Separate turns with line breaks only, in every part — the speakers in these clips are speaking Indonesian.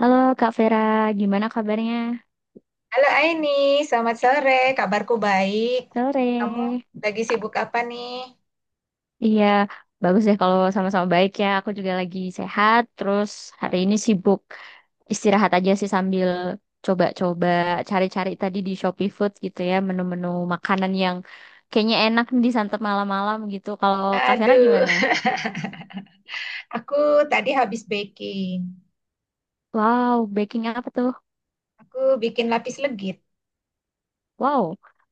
Halo Kak Vera, gimana kabarnya?
Halo Aini, selamat sore. Kabarku baik. Kamu
Sore.
lagi sibuk apa nih?
Iya, bagus deh kalau sama-sama baik ya. Aku juga lagi sehat, terus hari ini sibuk istirahat aja sih sambil coba-coba cari-cari tadi di Shopee Food gitu ya, menu-menu makanan yang kayaknya enak disantap malam-malam gitu. Kalau Kak Vera
Aduh,
gimana?
aku tadi habis baking.
Wow, baking apa tuh?
Aku bikin lapis legit.
Wow,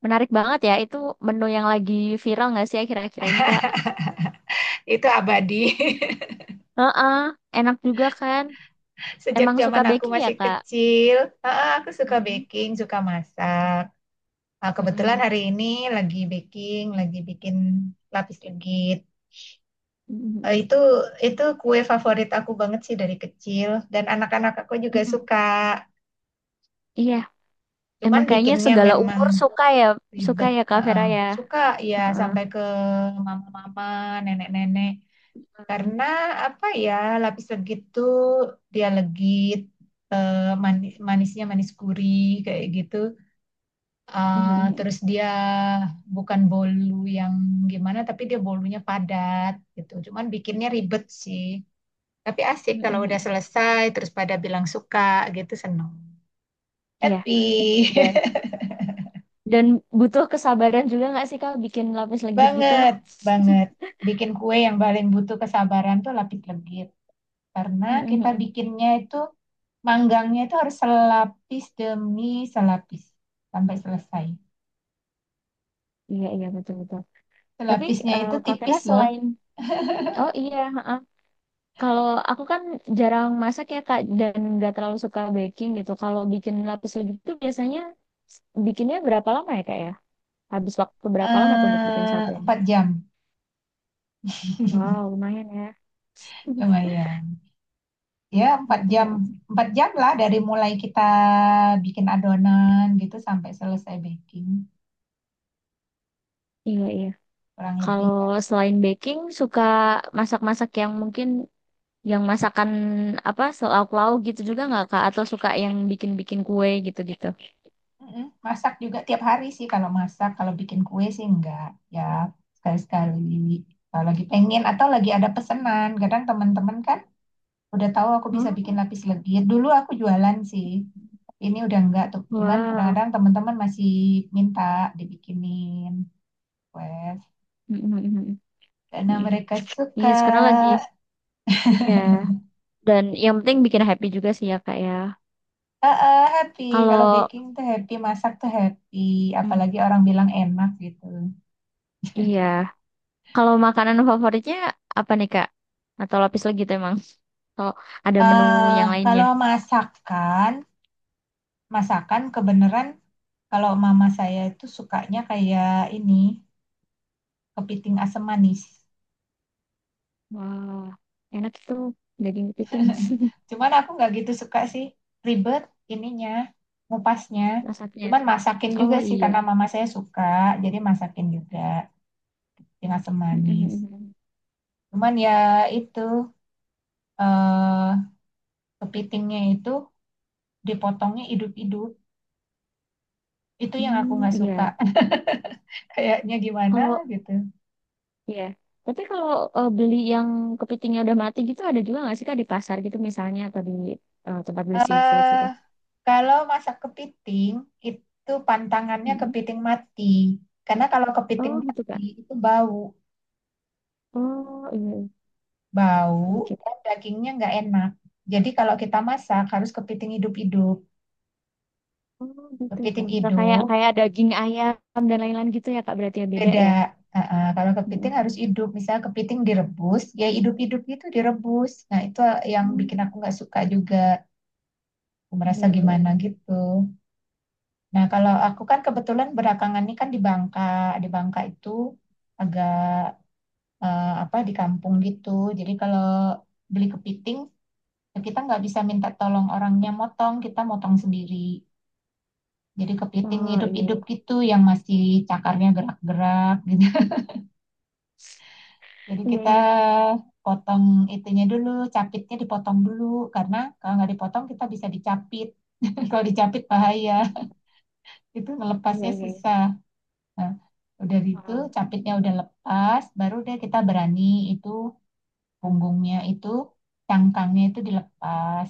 menarik banget ya. Itu menu yang lagi viral nggak sih akhir-akhir ini, Kak?
Itu abadi.
Heeh, enak juga kan?
Sejak
Emang suka
zaman aku
baking ya,
masih
Kak?
kecil, ah, aku suka
Mm-mm.
baking, suka masak. Nah, kebetulan
Mm-mm.
hari ini lagi baking, lagi bikin lapis legit. Eh,
Mm-mm.
Itu kue favorit aku banget sih dari kecil dan anak-anak aku juga
Mm-mm.
suka.
Iya,
Cuman
emang kayaknya
bikinnya
segala
memang
umur suka
ribet,
ya Kak
heeh.
Vera ya.
Suka ya
Heeh.
sampai ke mama-mama, nenek-nenek.
Mm-mm.
Karena apa ya, lapis legit tuh dia legit, eh, manisnya manis gurih kayak gitu. Eh, terus dia bukan bolu yang gimana, tapi dia bolunya padat gitu. Cuman bikinnya ribet sih. Tapi asik kalau udah
Mm-mm.
selesai, terus pada bilang suka gitu, seneng.
Iya,
Happy.
dan dan butuh kesabaran juga nggak sih Kak bikin lapis legit gitu?
Banget, banget. Bikin kue yang paling butuh kesabaran tuh lapis legit. Karena kita
Mm-mm.
bikinnya itu, manggangnya itu harus selapis demi selapis. Sampai selesai.
Iya, iya betul-betul. Tapi
Selapisnya itu
Kak Vera
tipis loh.
selain, oh iya, heeh. Kalau aku kan jarang masak ya Kak dan nggak terlalu suka baking gitu. Kalau bikin lapis legit itu biasanya bikinnya berapa lama ya Kak ya? Habis waktu berapa lama tuh untuk bikin
Eh,
satu ya?
4 jam.
Wow, lumayan ya.
Lumayan. Ya, 4 jam. 4 jam lah dari mulai kita bikin adonan gitu sampai selesai baking.
Iya, iya.
Kurang lebih.
Kalau selain baking, suka masak-masak yang mungkin yang masakan apa lauk-lauk gitu juga nggak Kak? Atau suka yang bikin-bikin kue gitu-gitu?
Mm-mm. Masak juga tiap hari sih kalau masak, kalau bikin kue sih enggak. Ya sekali-sekali kalau lagi pengen atau lagi ada pesanan. Kadang teman-teman kan udah tahu aku bisa bikin
Oh,
lapis legit. Dulu aku jualan sih, tapi ini udah enggak tuh. Cuman
wow.
kadang-kadang teman-teman masih minta dibikinin kue.
Mm, mm, mm,
Karena
mm, mm.
mereka suka,
Iya, sekarang lagi. Iya. Dan yang penting bikin happy juga sih ya Kak ya.
eh, eh, happy. Kalau
Kalau
baking tuh happy, masak tuh happy. Apalagi
mm,
orang bilang enak gitu.
iya. Kalau makanan favoritnya apa nih Kak? Atau lapis legit emang? Atau ada menu
Eh,
yang lainnya?
kalau masakan, masakan kebenaran kalau mama saya itu sukanya kayak ini kepiting asam manis.
Wah, enak tuh daging kepiting
Cuman aku nggak gitu suka sih, ribet ininya, ngupasnya.
masaknya.
Cuman masakin
Oh
juga sih
iya.
karena mama saya suka, jadi masakin juga kepiting asam manis.
Mm-mm.
Cuman ya itu, eh, kepitingnya itu dipotongnya hidup-hidup. Itu yang aku
Hmm,
nggak suka.
iya.
Kayaknya gimana
Kalau
gitu.
iya. Tapi kalau beli yang kepitingnya udah mati gitu ada juga nggak sih Kak di pasar gitu misalnya atau di tempat beli seafood
Eh,
gitu?
kalau masak kepiting, itu pantangannya
Mm-mm.
kepiting mati. Karena kalau kepiting
Oh gitu
mati
Kak.
itu bau,
Oh iya.
bau
iya. Oke.
dan dagingnya nggak enak. Jadi kalau kita masak harus kepiting hidup-hidup.
Oh gitu ya.
Kepiting
Nggak kayak
hidup
kayak daging ayam dan lain-lain gitu ya Kak berarti ya beda
beda.
ya?
Ah, ah, kalau kepiting harus
Mm-mm.
hidup, misalnya kepiting direbus, ya hidup-hidup gitu direbus. Nah itu yang
Hmm,
bikin aku nggak suka juga. Aku
iya,
merasa
iya,
gimana
iya.
gitu. Nah kalau aku kan kebetulan belakangan ini kan di Bangka itu agak, eh, apa, di kampung gitu. Jadi kalau beli kepiting kita nggak bisa minta tolong orangnya motong, kita motong sendiri. Jadi kepiting
Ah, iya,
hidup-hidup
iya,
gitu yang masih cakarnya gerak-gerak gitu. Jadi kita
iya,
potong itunya dulu, capitnya dipotong dulu karena kalau nggak dipotong kita bisa dicapit. Kalau dicapit bahaya, itu
iya,
melepasnya
iya, iya.
susah. Nah, udah gitu
Ah,
capitnya udah lepas, baru deh kita berani itu punggungnya itu cangkangnya itu dilepas,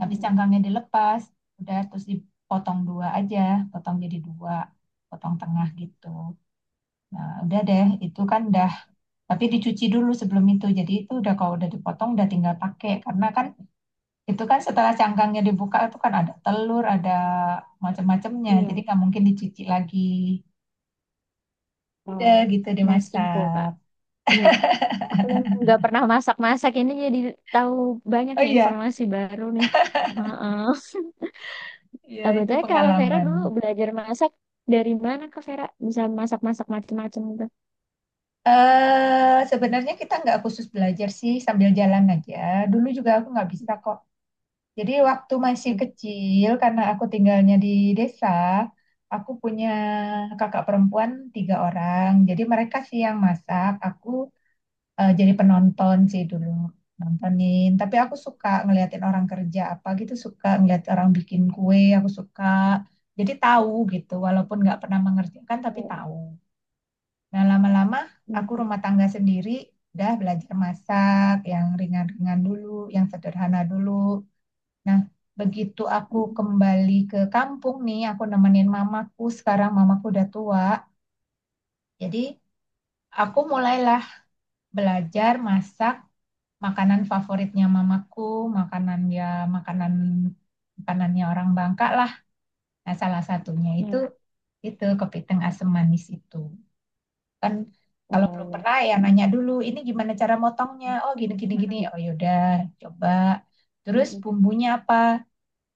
habis cangkangnya dilepas udah terus dipotong dua aja, potong jadi dua, potong tengah gitu. Nah udah deh itu kan dah, tapi dicuci dulu sebelum itu, jadi itu udah, kalau udah dipotong udah tinggal pakai, karena kan itu kan setelah cangkangnya dibuka itu kan ada telur, ada macam-macamnya, jadi
Iya,
nggak mungkin dicuci lagi. Udah
ah,
gitu
nice info, Kak.
dimasak.
Iya, aku yang nggak pernah masak-masak ini jadi tahu banyak
Oh
nih
iya,
informasi baru nih. Heeh.
iya
Nah,
itu
Betulnya Kak Vera
pengalaman.
dulu belajar masak dari mana Kak Vera bisa masak-masak macam-macam gitu?
Eh, sebenarnya kita nggak khusus belajar sih, sambil jalan aja. Dulu juga aku nggak bisa kok. Jadi waktu masih
Nah,
kecil karena aku tinggalnya di desa, aku punya kakak perempuan tiga orang. Jadi mereka sih yang masak, aku, eh, jadi penonton sih dulu, nontonin. Tapi aku suka ngeliatin orang kerja apa gitu, suka ngeliat orang bikin kue, aku suka. Jadi tahu gitu, walaupun nggak pernah mengerjakan tapi
iya,
tahu. Nah, lama-lama aku
mm-mm.
rumah tangga sendiri, udah belajar masak yang ringan-ringan dulu, yang sederhana dulu. Nah, begitu aku
Mm-mm.
kembali ke kampung nih, aku nemenin mamaku, sekarang mamaku udah tua. Jadi, aku mulailah belajar masak makanan favoritnya mamaku, makanan, ya makanan, makanannya orang Bangka lah. Nah, salah satunya
Iya,
itu kepiting asam manis itu. Kan kalau
oh
belum
iya.
pernah ya nanya dulu ini gimana cara motongnya, oh gini gini gini,
Mm-mm.
oh yaudah coba, terus
Mm-mm.
bumbunya apa,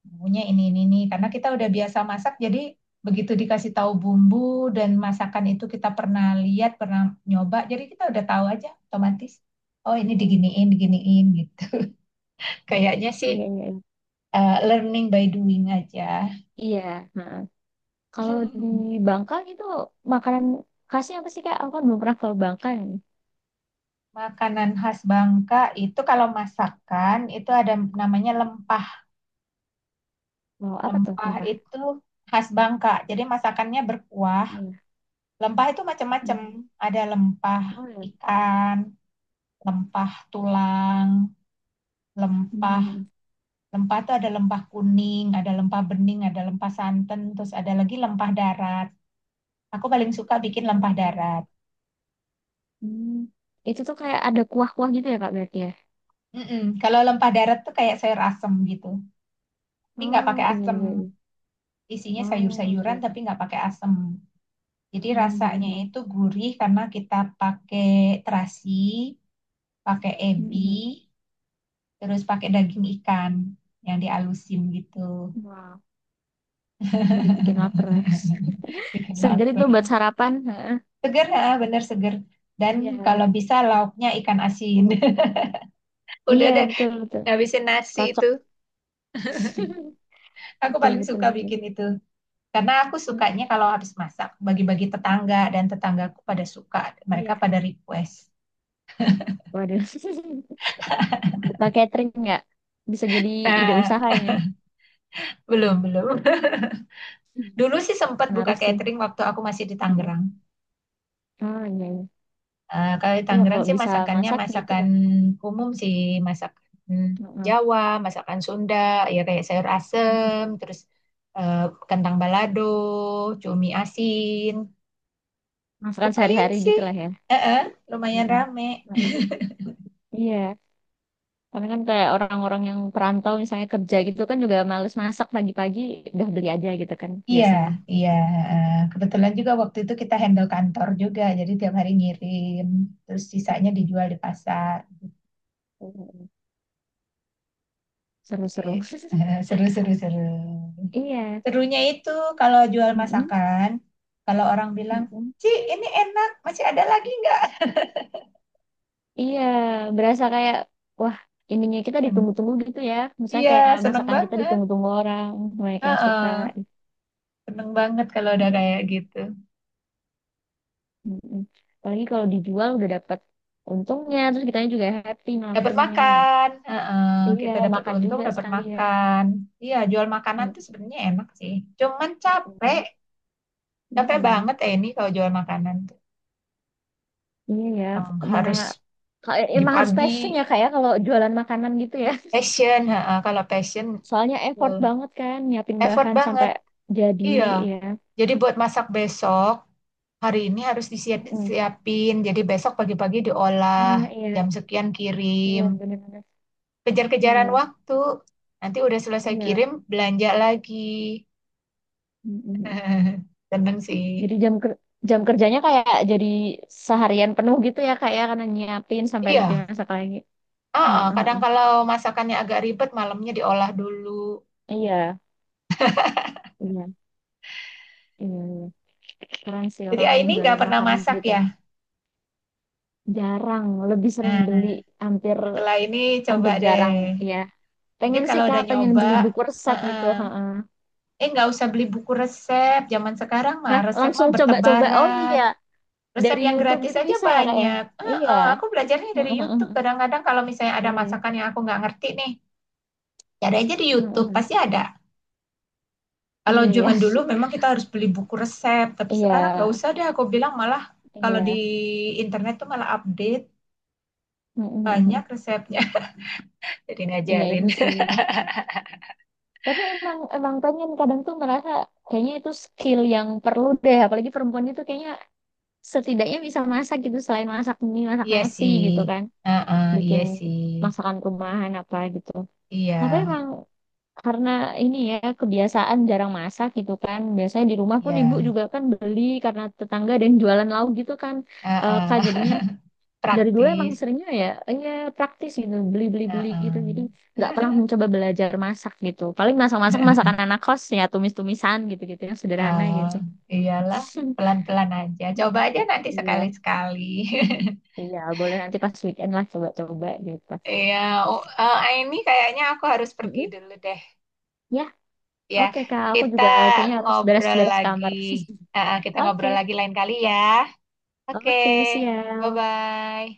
bumbunya ini, karena kita udah biasa masak jadi begitu dikasih tahu bumbu dan masakan itu kita pernah lihat, pernah nyoba, jadi kita udah tahu aja otomatis, oh ini
Mm-mm.
diginiin, diginiin gitu. Kayaknya sih,
Iya, iya, iya.
eh, learning by doing aja.
Iya, heeh. Kalau di Bangka itu makanan khasnya apa sih Kak? Aku kan belum pernah ke Bangka nih.
Makanan khas Bangka itu kalau masakan itu ada namanya lempa.
Mau apa tuh
Lempah
sumpah?
itu khas Bangka. Jadi masakannya berkuah.
Iya.
Lempah itu macam-macam.
Hmm.
Ada lempah
Oh ya.
ikan, lempah tulang, lempah.
Hmm.
Lempah itu ada lempah kuning, ada lempah bening, ada lempah santan, terus ada lagi lempah darat. Aku paling suka bikin lempah
Oh.
darat.
Hmm. Itu tuh kayak ada kuah-kuah gitu ya Kak berarti ya?
Mm-mm. Kalau lempah darat tuh kayak sayur asem gitu. Tapi nggak
Oh
pakai
iya
asem.
iya iya.
Isinya
Oh oke.
sayur-sayuran tapi nggak pakai asem. Jadi
Hmm.
rasanya
hmm, hmm.
itu gurih karena kita pakai terasi, pakai ebi,
Hmm,
terus pakai daging ikan yang dialusin gitu.
hmm. Wow. Jadi bikin lapar ya.
Bikin
Segar itu buat
lapar.
sarapan. Heeh.
Seger, ah, bener seger. Dan kalau
Iya.
bisa lauknya ikan asin. Udah
Iya
deh,
betul betul.
habisin nasi
Cocok.
itu. Aku
Betul
paling
betul
suka
betul.
bikin itu. Karena aku
Mm,
sukanya kalau habis masak, bagi-bagi tetangga dan tetanggaku pada suka. Mereka
iya.
pada request.
Waduh. Buka catering nggak? Bisa jadi ide
Nah,
usaha ini.
belum, belum.
Hmm.
Dulu sih sempat buka
Menarik sih.
catering waktu aku masih di
Mm-mm.
Tangerang.
Ah, iya, iya.
Eh, kalau di
Iya,
Tangerang
kalau
sih
bisa
masakannya
masak gitu.
masakan umum sih, masakan
Mm-mm.
Jawa, masakan Sunda, ya kayak sayur
Mm-mm.
asem, terus, eh, kentang balado, cumi asin.
Masakan
Lumayan
sehari-hari
sih,
gitu lah ya.
eh, eh, lumayan
Mm-mm.
rame.
Mm-mm. Iya. Karena kan kayak orang-orang yang perantau misalnya kerja gitu kan juga males masak pagi-pagi udah beli aja gitu kan
Iya,
biasanya.
iya. Eh, kebetulan juga waktu itu kita handle kantor juga, jadi tiap hari ngirim, terus sisanya
Mm.
dijual di pasar.
Mm-mm.
Jadi,
Seru-seru.
seru, seru, seru.
Iya.
Serunya itu kalau jual
Mm-mm.
masakan, kalau orang bilang,
Mm-mm.
Ci, ini enak, masih ada lagi nggak?
Iya, berasa kayak wah ininya kita
Seneng.
ditunggu-tunggu gitu ya. Misalnya
Iya,
kayak
seneng
masakan kita
banget.
ditunggu-tunggu orang, banyak yang suka.
Heeh, seneng banget kalau udah kayak
Mm-mm,
gitu.
mm-mm. Apalagi kalau dijual udah dapat untungnya, terus kitanya juga happy
Dapat
ngelakuinnya. Gitu.
makan, heeh,
Iya,
kita dapat
makan
untung,
juga
dapat
sekalian.
makan. Iya, jual makanan
Mm,
tuh sebenarnya enak sih. Cuman
mm-mm,
capek, capek
mm-mm.
banget ya ini kalau jual makanan tuh.
Iya ya,
Yang
mana
harus
kayak emang harus
pagi-pagi,
passion ya kayak kalau jualan makanan gitu ya.
passion, heeh, kalau passion,
Soalnya effort
betul.
banget kan nyiapin
Effort
bahan sampai
banget.
jadi
Iya,
ya.
jadi buat masak besok, hari ini harus
Mm-mm.
disiapin, jadi besok pagi-pagi diolah,
Ah
jam
iya,
sekian kirim.
iya benar-benar.
Kejar-kejaran
Iya.
waktu, nanti udah selesai
Iya.
kirim, belanja lagi.
Mm-mm.
Seneng sih.
Jadi jam kerjanya kayak jadi seharian penuh gitu ya kak ya karena nyiapin sampai nanti
Iya,
masak lagi.
ah,
Heeh,
ah, kadang
heeh.
kalau masakannya agak ribet, malamnya diolah dulu.
Iya, iya, iya, iya. Keren sih
Jadi ah,
orang-orang
ini
yang
nggak
jualan
pernah
makanan
masak
gitu.
ya.
Jarang, lebih sering beli,
Nah,
hampir
setelah ini coba
hampir
deh.
jarang ya.
Mungkin
Pengen
kalau
sih kak,
udah
pengen
nyoba,
beli buku resep
ah,
gitu.
ah.
Heeh.
Eh, nggak usah beli buku resep. Zaman sekarang mah
Hah,
resep mah
langsung coba-coba. Oh
bertebaran.
iya,
Resep
dari
yang
YouTube
gratis
gitu
aja
bisa ya kak ya?
banyak.
Iya.
Heeh, aku belajarnya dari
Heeh, heeh,
YouTube.
heeh.
Kadang-kadang kalau misalnya
Iya,
ada
iya.
masakan yang aku nggak ngerti nih, cari aja di
Heeh,
YouTube,
heeh.
pasti ada. Kalau
Iya, iya.
zaman dulu memang kita harus beli buku resep, tapi sekarang nggak
Iya,
usah deh. Aku bilang malah kalau
iya.
di internet tuh malah update banyak
Mm-mm-mm.
resepnya. Jadi
Iya
ngajarin.
itu sih. Tapi emang emang pengen kadang tuh merasa kayaknya itu skill yang perlu deh. Apalagi perempuan itu kayaknya setidaknya bisa masak gitu selain masak mie, masak
Iya
nasi
sih,
gitu kan.
heeh, iya
Bikin
sih,
masakan rumahan apa gitu. Tapi
iya,
emang karena ini ya kebiasaan jarang masak gitu kan. Biasanya di rumah pun ibu
iya,
juga kan beli karena tetangga dan jualan lauk gitu kan. Eh,
heeh.
Kak jadinya dari dulu emang
Praktis.
seringnya ya praktis gitu beli beli beli gitu
Heeh.
jadi nggak pernah mencoba belajar masak gitu paling masak masak masakan anak kos ya tumis tumisan gitu gitu yang sederhana
Oh,
gitu
iyalah, pelan-pelan aja. Coba aja nanti
iya
sekali-sekali.
iya boleh nanti pas weekend lah coba coba gitu
Iya, oh, eh, ini kayaknya aku harus pergi
Mm-mm.
dulu deh.
ya
Ya,
oke kak aku
kita
juga kayaknya harus beres
ngobrol
beres
lagi.
kamar
Eh, eh, kita
oke
ngobrol lagi lain kali ya. Oke,
oke siap
bye-bye.